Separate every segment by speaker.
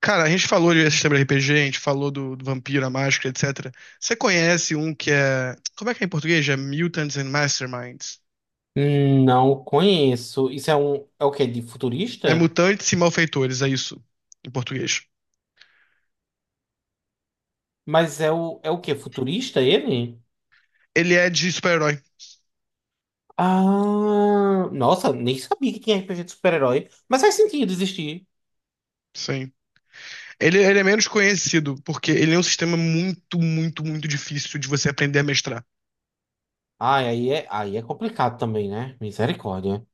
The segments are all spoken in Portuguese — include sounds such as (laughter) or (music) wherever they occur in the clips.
Speaker 1: Cara, a gente falou de sistema de RPG, a gente falou do Vampiro, a Máscara, etc. Você conhece um que é. Como é que é em português? É Mutants and Masterminds.
Speaker 2: Não conheço. Isso é um. É o quê? De
Speaker 1: É
Speaker 2: futurista?
Speaker 1: Mutantes e Malfeitores, é isso, em português.
Speaker 2: Mas é o. É o quê? Futurista ele?
Speaker 1: Ele é de super-herói,
Speaker 2: Ah, nossa, nem sabia que tinha RPG de super-herói, mas faz sentido existir.
Speaker 1: sim. Ele é menos conhecido, porque ele é um sistema muito, muito, muito difícil de você aprender a mestrar.
Speaker 2: Ah, aí é complicado também, né? Misericórdia.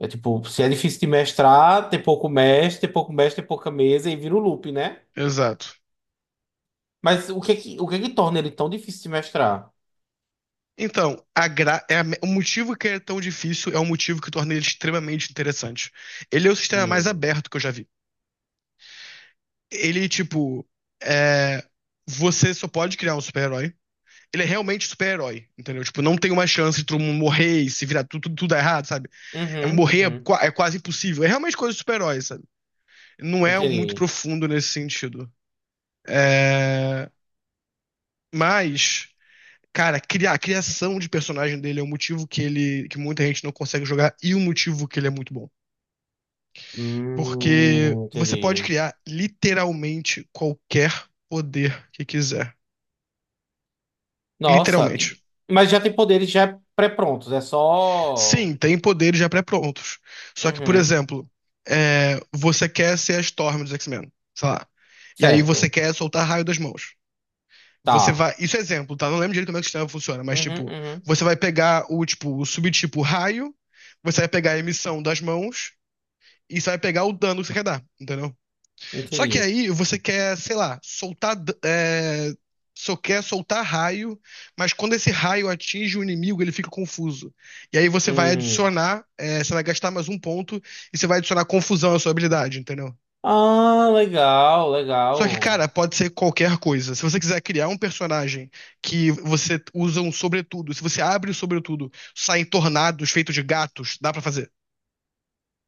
Speaker 2: É tipo, se é difícil de mestrar, tem pouco mestre, tem pouca mesa e vira o loop, né?
Speaker 1: Exato.
Speaker 2: Mas o que é que, o que é que torna ele tão difícil de mestrar?
Speaker 1: Então, a gra... é a- o motivo que ele é tão difícil é o motivo que torna ele extremamente interessante. Ele é o sistema mais
Speaker 2: Hum.
Speaker 1: aberto que eu já vi. Ele, tipo, é, você só pode criar um super-herói. Ele é realmente super-herói, entendeu? Tipo, não tem uma chance de todo mundo morrer e se virar tudo, tudo, tudo dar errado, sabe? É,
Speaker 2: Uhum,
Speaker 1: morrer
Speaker 2: uhum.
Speaker 1: é quase impossível. É realmente coisa de super-herói, sabe? Não é muito
Speaker 2: Entendi.
Speaker 1: profundo nesse sentido. É, mas, cara, a criação de personagem dele é um motivo que muita gente não consegue jogar e o motivo que ele é muito bom. Porque você pode
Speaker 2: Entendi.
Speaker 1: criar literalmente qualquer poder que quiser.
Speaker 2: Nossa, e-
Speaker 1: Literalmente.
Speaker 2: mas já tem poderes já pré-prontos, é só.
Speaker 1: Sim, tem poderes já pré-prontos. Só que, por
Speaker 2: Uhum,
Speaker 1: exemplo, você quer ser a Storm dos X-Men, sei lá. E aí você
Speaker 2: certo.
Speaker 1: quer soltar raio das mãos. Você
Speaker 2: Tá.
Speaker 1: vai. Isso é exemplo, tá? Não lembro direito como é que o sistema funciona, mas
Speaker 2: Uhum,
Speaker 1: tipo,
Speaker 2: uhum,
Speaker 1: você vai pegar o tipo, o subtipo raio, você vai pegar a emissão das mãos e você vai pegar o dano que você quer dar, entendeu? Só que
Speaker 2: entendi.
Speaker 1: aí você quer, sei lá, é, só quer soltar raio, mas quando esse raio atinge o inimigo, ele fica confuso. E aí
Speaker 2: Hum.
Speaker 1: você vai gastar mais um ponto e você vai adicionar confusão à sua habilidade, entendeu?
Speaker 2: Ah, legal,
Speaker 1: Só que, cara,
Speaker 2: legal.
Speaker 1: pode ser qualquer coisa. Se você quiser criar um personagem que você usa um sobretudo, se você abre o sobretudo, saem tornados feitos de gatos, dá pra fazer,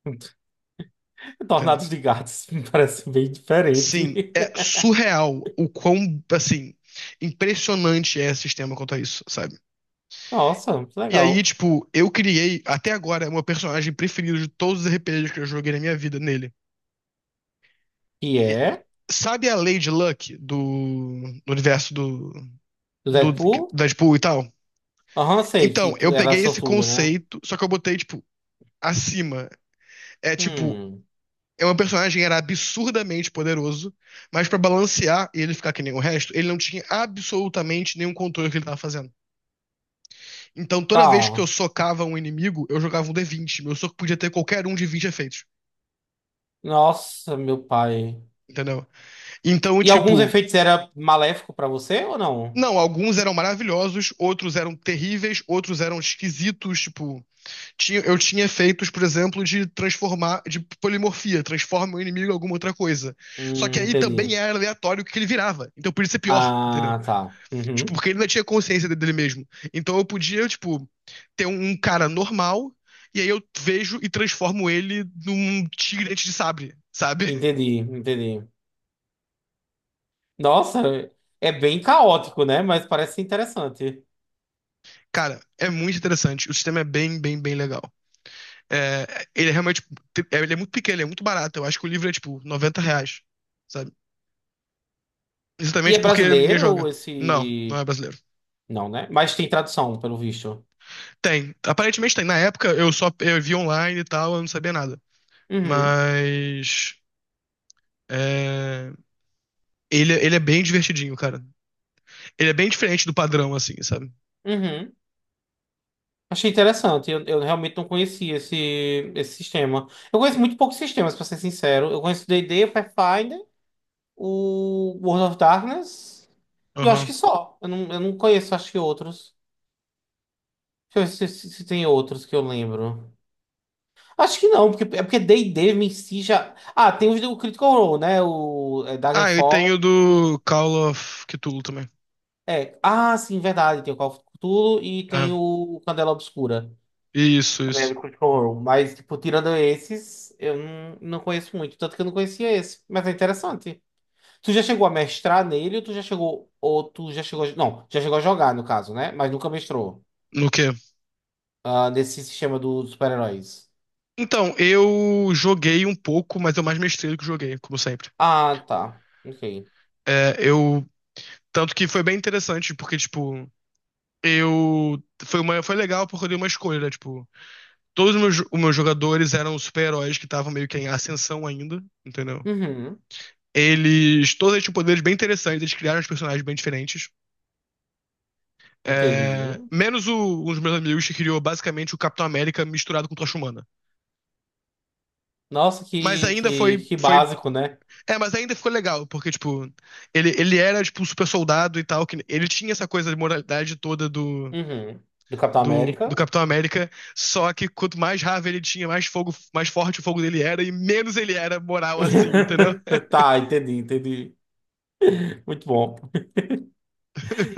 Speaker 2: (laughs)
Speaker 1: entendeu?
Speaker 2: Tornados de gatos (laughs) me parece bem diferente.
Speaker 1: Sim, é surreal o quão, assim, impressionante é esse sistema quanto a isso, sabe?
Speaker 2: (laughs) Nossa, que
Speaker 1: E aí,
Speaker 2: legal.
Speaker 1: tipo, eu criei, até agora, é o meu personagem preferido de todos os RPGs que eu joguei na minha vida nele.
Speaker 2: Que
Speaker 1: E-
Speaker 2: é?
Speaker 1: sabe a Lady Luck do universo do,
Speaker 2: Do
Speaker 1: do
Speaker 2: Deadpool?
Speaker 1: Deadpool e tal?
Speaker 2: Aham, sei que
Speaker 1: Então, eu
Speaker 2: tu era
Speaker 1: peguei esse
Speaker 2: sortuda, né?
Speaker 1: conceito, só que eu botei, tipo, acima. É tipo,
Speaker 2: Hum,
Speaker 1: é um personagem que era absurdamente poderoso, mas pra balancear e ele ficar que nem o resto, ele não tinha absolutamente nenhum controle do que ele tava fazendo. Então, toda vez que eu
Speaker 2: tá.
Speaker 1: socava um inimigo, eu jogava um D20. Meu soco podia ter qualquer um de 20 efeitos,
Speaker 2: Nossa, meu pai.
Speaker 1: entendeu? Então,
Speaker 2: E alguns
Speaker 1: tipo,
Speaker 2: efeitos era maléfico pra você ou não?
Speaker 1: não, alguns eram maravilhosos, outros eram terríveis, outros eram esquisitos, tipo, eu tinha efeitos, por exemplo, de transformar, de polimorfia, transforma o inimigo em alguma outra coisa. Só que aí também
Speaker 2: Entendi.
Speaker 1: era aleatório o que ele virava, então podia ser pior, entendeu?
Speaker 2: Ah, tá.
Speaker 1: Tipo,
Speaker 2: Uhum.
Speaker 1: porque ele ainda tinha consciência dele mesmo. Então eu podia, tipo, ter um cara normal, e aí eu vejo e transformo ele num tigre dente de sabre, sabe? (laughs)
Speaker 2: Entendi, entendi. Nossa, é bem caótico, né? Mas parece interessante.
Speaker 1: Cara, é muito interessante. O sistema é bem, bem, bem legal. É, ele é realmente. Ele é muito pequeno, ele é muito barato. Eu acho que o livro é, tipo, 90 reais, sabe?
Speaker 2: E é
Speaker 1: Exatamente porque ninguém
Speaker 2: brasileiro
Speaker 1: joga. Não, não
Speaker 2: esse.
Speaker 1: é brasileiro.
Speaker 2: Não, né? Mas tem tradução, pelo visto.
Speaker 1: Tem. Aparentemente tem. Na época eu só eu vi online e tal, eu não sabia nada.
Speaker 2: Uhum,
Speaker 1: Mas. É... ele é bem divertidinho, cara. Ele é bem diferente do padrão, assim, sabe?
Speaker 2: uhum. Achei interessante. Eu realmente não conhecia esse, esse sistema. Eu conheço muito poucos sistemas, pra ser sincero. Eu conheço o D&D, o Pathfinder, o World of Darkness. E eu acho
Speaker 1: Aham.
Speaker 2: que só. Eu não conheço, acho que outros. Deixa eu ver se, se tem outros que eu lembro. Acho que não, porque porque D&D em si já. Ah, tem os- o Critical Role, né?
Speaker 1: Ah, eu
Speaker 2: Daggerfall.
Speaker 1: tenho do Call of Cthulhu também.
Speaker 2: É. Ah, sim, verdade. Tem o Call of Cthulhu e tem
Speaker 1: É.
Speaker 2: o Candela Obscura.
Speaker 1: Isso,
Speaker 2: Também é
Speaker 1: isso.
Speaker 2: do Critical Role. Mas, tipo, tirando esses, eu não conheço muito. Tanto que eu não conhecia esse. Mas é interessante. Tu já chegou a mestrar nele ou tu já chegou. Ou tu já chegou. A- Não, já chegou a jogar, no caso, né? Mas nunca mestrou.
Speaker 1: No quê?
Speaker 2: Ah, nesse sistema do- dos super-heróis.
Speaker 1: Então, eu joguei um pouco, mas eu mais mestrei do que joguei, como sempre.
Speaker 2: Ah, tá. Ok.
Speaker 1: É, eu. Tanto que foi bem interessante, porque, tipo, eu. Foi legal porque eu dei uma escolha, né? Tipo, todos os meus jogadores eram super-heróis que estavam meio que em ascensão ainda, entendeu?
Speaker 2: Uhum.
Speaker 1: Eles. Todos eles tinham poderes bem interessantes, eles criaram os personagens bem diferentes.
Speaker 2: Entendi.
Speaker 1: É, menos um dos meus amigos que criou basicamente o Capitão América misturado com Tocha Humana.
Speaker 2: Nossa,
Speaker 1: Mas
Speaker 2: que,
Speaker 1: ainda
Speaker 2: que,
Speaker 1: foi,
Speaker 2: que
Speaker 1: foi.
Speaker 2: básico, né?
Speaker 1: É, mas ainda ficou legal, porque, tipo, ele era, tipo, um super soldado e tal. Que ele tinha essa coisa de moralidade toda do,
Speaker 2: Uhum. Do Capitão
Speaker 1: do, do
Speaker 2: América.
Speaker 1: Capitão América. Só que quanto mais raiva ele tinha, mais fogo, mais forte o fogo dele era, e menos ele era moral, assim, entendeu?
Speaker 2: (laughs) Tá, entendi, entendi. Muito bom.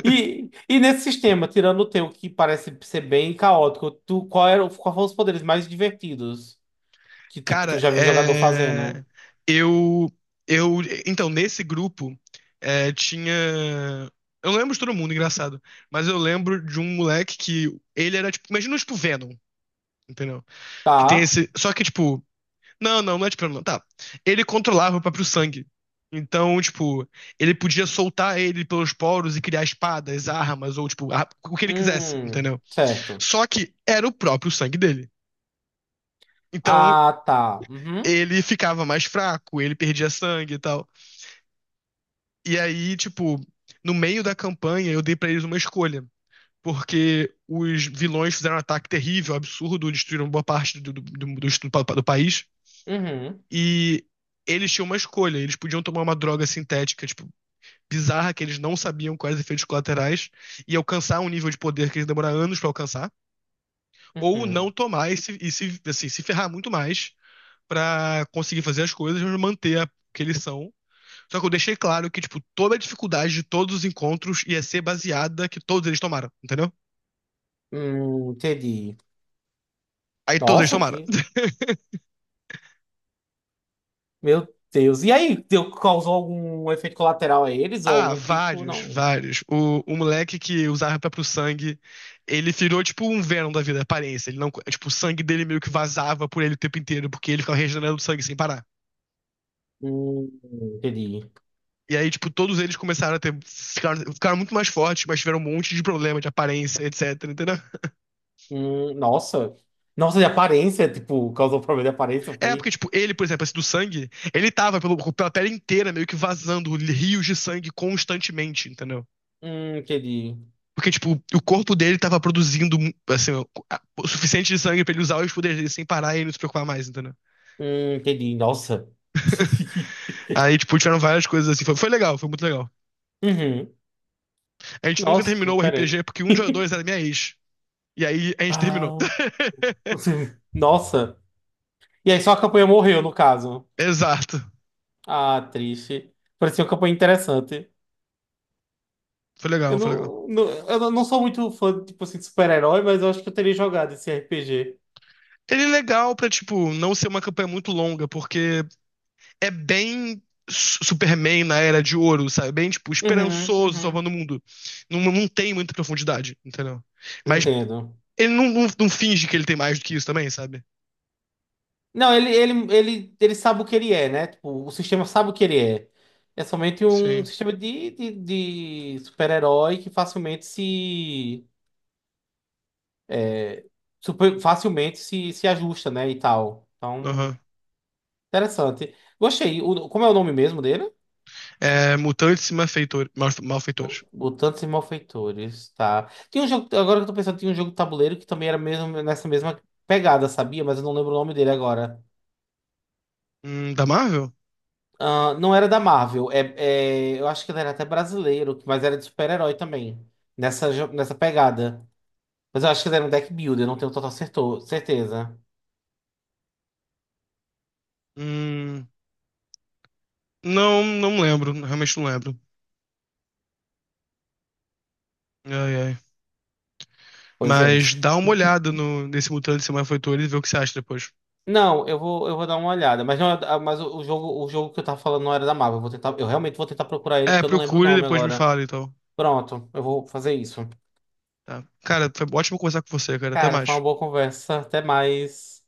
Speaker 2: E nesse sistema, tirando o teu, que parece ser bem caótico, tu, qual era, qual foram os poderes mais divertidos que, tipo, tu
Speaker 1: Cara,
Speaker 2: já viu jogador fazendo?
Speaker 1: eu, eu, então, nesse grupo, tinha, eu não lembro de todo mundo, engraçado, mas eu lembro de um moleque que, ele era, tipo, imagina, tipo, Venom, entendeu? Que tem
Speaker 2: Tá.
Speaker 1: esse, só que, tipo, não, não, não é tipo, Venom, não, tá, ele controlava o próprio sangue, então, tipo, ele podia soltar ele pelos poros e criar espadas, armas, ou, tipo, o que ele quisesse, entendeu?
Speaker 2: Certo.
Speaker 1: Só que era o próprio sangue dele. Então,
Speaker 2: Ah, tá. Uhum,
Speaker 1: ele ficava mais fraco, ele perdia sangue e tal. E aí, tipo, no meio da campanha eu dei pra eles uma escolha. Porque os vilões fizeram um ataque terrível, absurdo, destruíram boa parte do país.
Speaker 2: uhum,
Speaker 1: E eles tinham uma escolha. Eles podiam tomar uma droga sintética, tipo, bizarra, que eles não sabiam quais efeitos colaterais, e alcançar um nível de poder que eles demoraram anos para alcançar, ou não
Speaker 2: uhum.
Speaker 1: tomar e se, assim, se ferrar muito mais para conseguir fazer as coisas, mas manter a que eles são, Só que eu deixei claro que, tipo, toda a dificuldade de todos os encontros ia ser baseada que todos eles tomaram, entendeu?
Speaker 2: Entendi.
Speaker 1: Aí todos eles
Speaker 2: Nossa,
Speaker 1: tomaram.
Speaker 2: que... Meu Deus. E aí, deu, causou algum efeito colateral a eles? Ou
Speaker 1: Ah,
Speaker 2: algum tipo?
Speaker 1: vários,
Speaker 2: Não.
Speaker 1: vários. O moleque que usava próprio sangue, ele virou tipo um Venom da vida, aparência. Ele não, tipo, o sangue dele meio que vazava por ele o tempo inteiro, porque ele ficava regenerando sangue sem parar.
Speaker 2: Entendi.
Speaker 1: E aí, tipo, todos eles começaram a ter. Ficaram muito mais fortes, mas tiveram um monte de problema de aparência, etc, entendeu?
Speaker 2: Nossa. Nossa, de aparência, tipo, causou problema de aparência,
Speaker 1: É, porque,
Speaker 2: foi?
Speaker 1: tipo, ele, por exemplo, esse do sangue, ele tava pela tela inteira meio que vazando rios de sangue constantemente, entendeu?
Speaker 2: Entendi.
Speaker 1: Porque, tipo, o corpo dele tava produzindo, assim, o suficiente de sangue pra ele usar os poderes dele sem parar e ele não se preocupar mais, entendeu?
Speaker 2: Entendi. Nossa. (laughs)
Speaker 1: Aí, tipo, tiveram várias coisas assim. Foi legal, foi muito legal.
Speaker 2: Uhum.
Speaker 1: A gente nunca
Speaker 2: Nossa, que
Speaker 1: terminou o
Speaker 2: diferente.
Speaker 1: RPG porque um de nós dois era minha ex. E aí a gente terminou.
Speaker 2: Ah,
Speaker 1: (laughs)
Speaker 2: (laughs) nossa. E aí só a campanha morreu, no caso.
Speaker 1: Exato.
Speaker 2: Ah, triste. Parecia uma campanha interessante.
Speaker 1: Foi
Speaker 2: Eu
Speaker 1: legal, foi legal.
Speaker 2: não, não- eu não não sou muito fã, tipo assim, de super-herói, mas eu acho que eu teria jogado esse RPG.
Speaker 1: Ele é legal pra, tipo, não ser uma campanha muito longa, porque é bem Superman na Era de Ouro, sabe? Bem, tipo,
Speaker 2: Uhum,
Speaker 1: esperançoso, salvando
Speaker 2: uhum.
Speaker 1: o mundo. Não, não tem muita profundidade, entendeu? Mas
Speaker 2: Entendo.
Speaker 1: ele não finge que ele tem mais do que isso também, sabe?
Speaker 2: Não, ele sabe o que ele é, né? Tipo, o sistema sabe o que ele é. É somente um
Speaker 1: Sim.
Speaker 2: sistema de super-herói que facilmente se. é, Super- facilmente se, se ajusta, né? E tal. Então,
Speaker 1: Aham.
Speaker 2: interessante. Gostei. O- como é o nome mesmo dele?
Speaker 1: É, Mutantes e Malfeitores.
Speaker 2: Bo- Mutantes e Malfeitores, tá. Tem um jogo, agora que eu tô pensando, tinha um jogo de tabuleiro que também era mesmo nessa mesma pegada, sabia? Mas eu não lembro o nome dele agora.
Speaker 1: Da Marvel?
Speaker 2: Ah, não era da Marvel, é, é- eu acho que ele era até brasileiro, mas era de super-herói também, nessa, jo- nessa pegada. Mas eu acho que ele era um deck builder, eu não tenho total certo- certeza.
Speaker 1: Hum, não, não lembro. Realmente não lembro. Ai, ai.
Speaker 2: Pois é.
Speaker 1: Mas dá uma olhada no, nesse Mutantes e Malfeitores e vê o que você acha depois.
Speaker 2: Não, eu vou dar uma olhada, mas, não, é- ah, mas o, o jogo que eu tava falando não era da Marvel, eu vou tentar, eu realmente vou tentar procurar ele,
Speaker 1: É,
Speaker 2: porque eu não lembro o
Speaker 1: procure e
Speaker 2: nome
Speaker 1: depois me
Speaker 2: agora.
Speaker 1: fala, então.
Speaker 2: Pronto, eu vou fazer isso.
Speaker 1: Tá. Cara, foi ótimo conversar com você, cara. Até
Speaker 2: Cara, foi uma
Speaker 1: mais.
Speaker 2: boa conversa, até mais.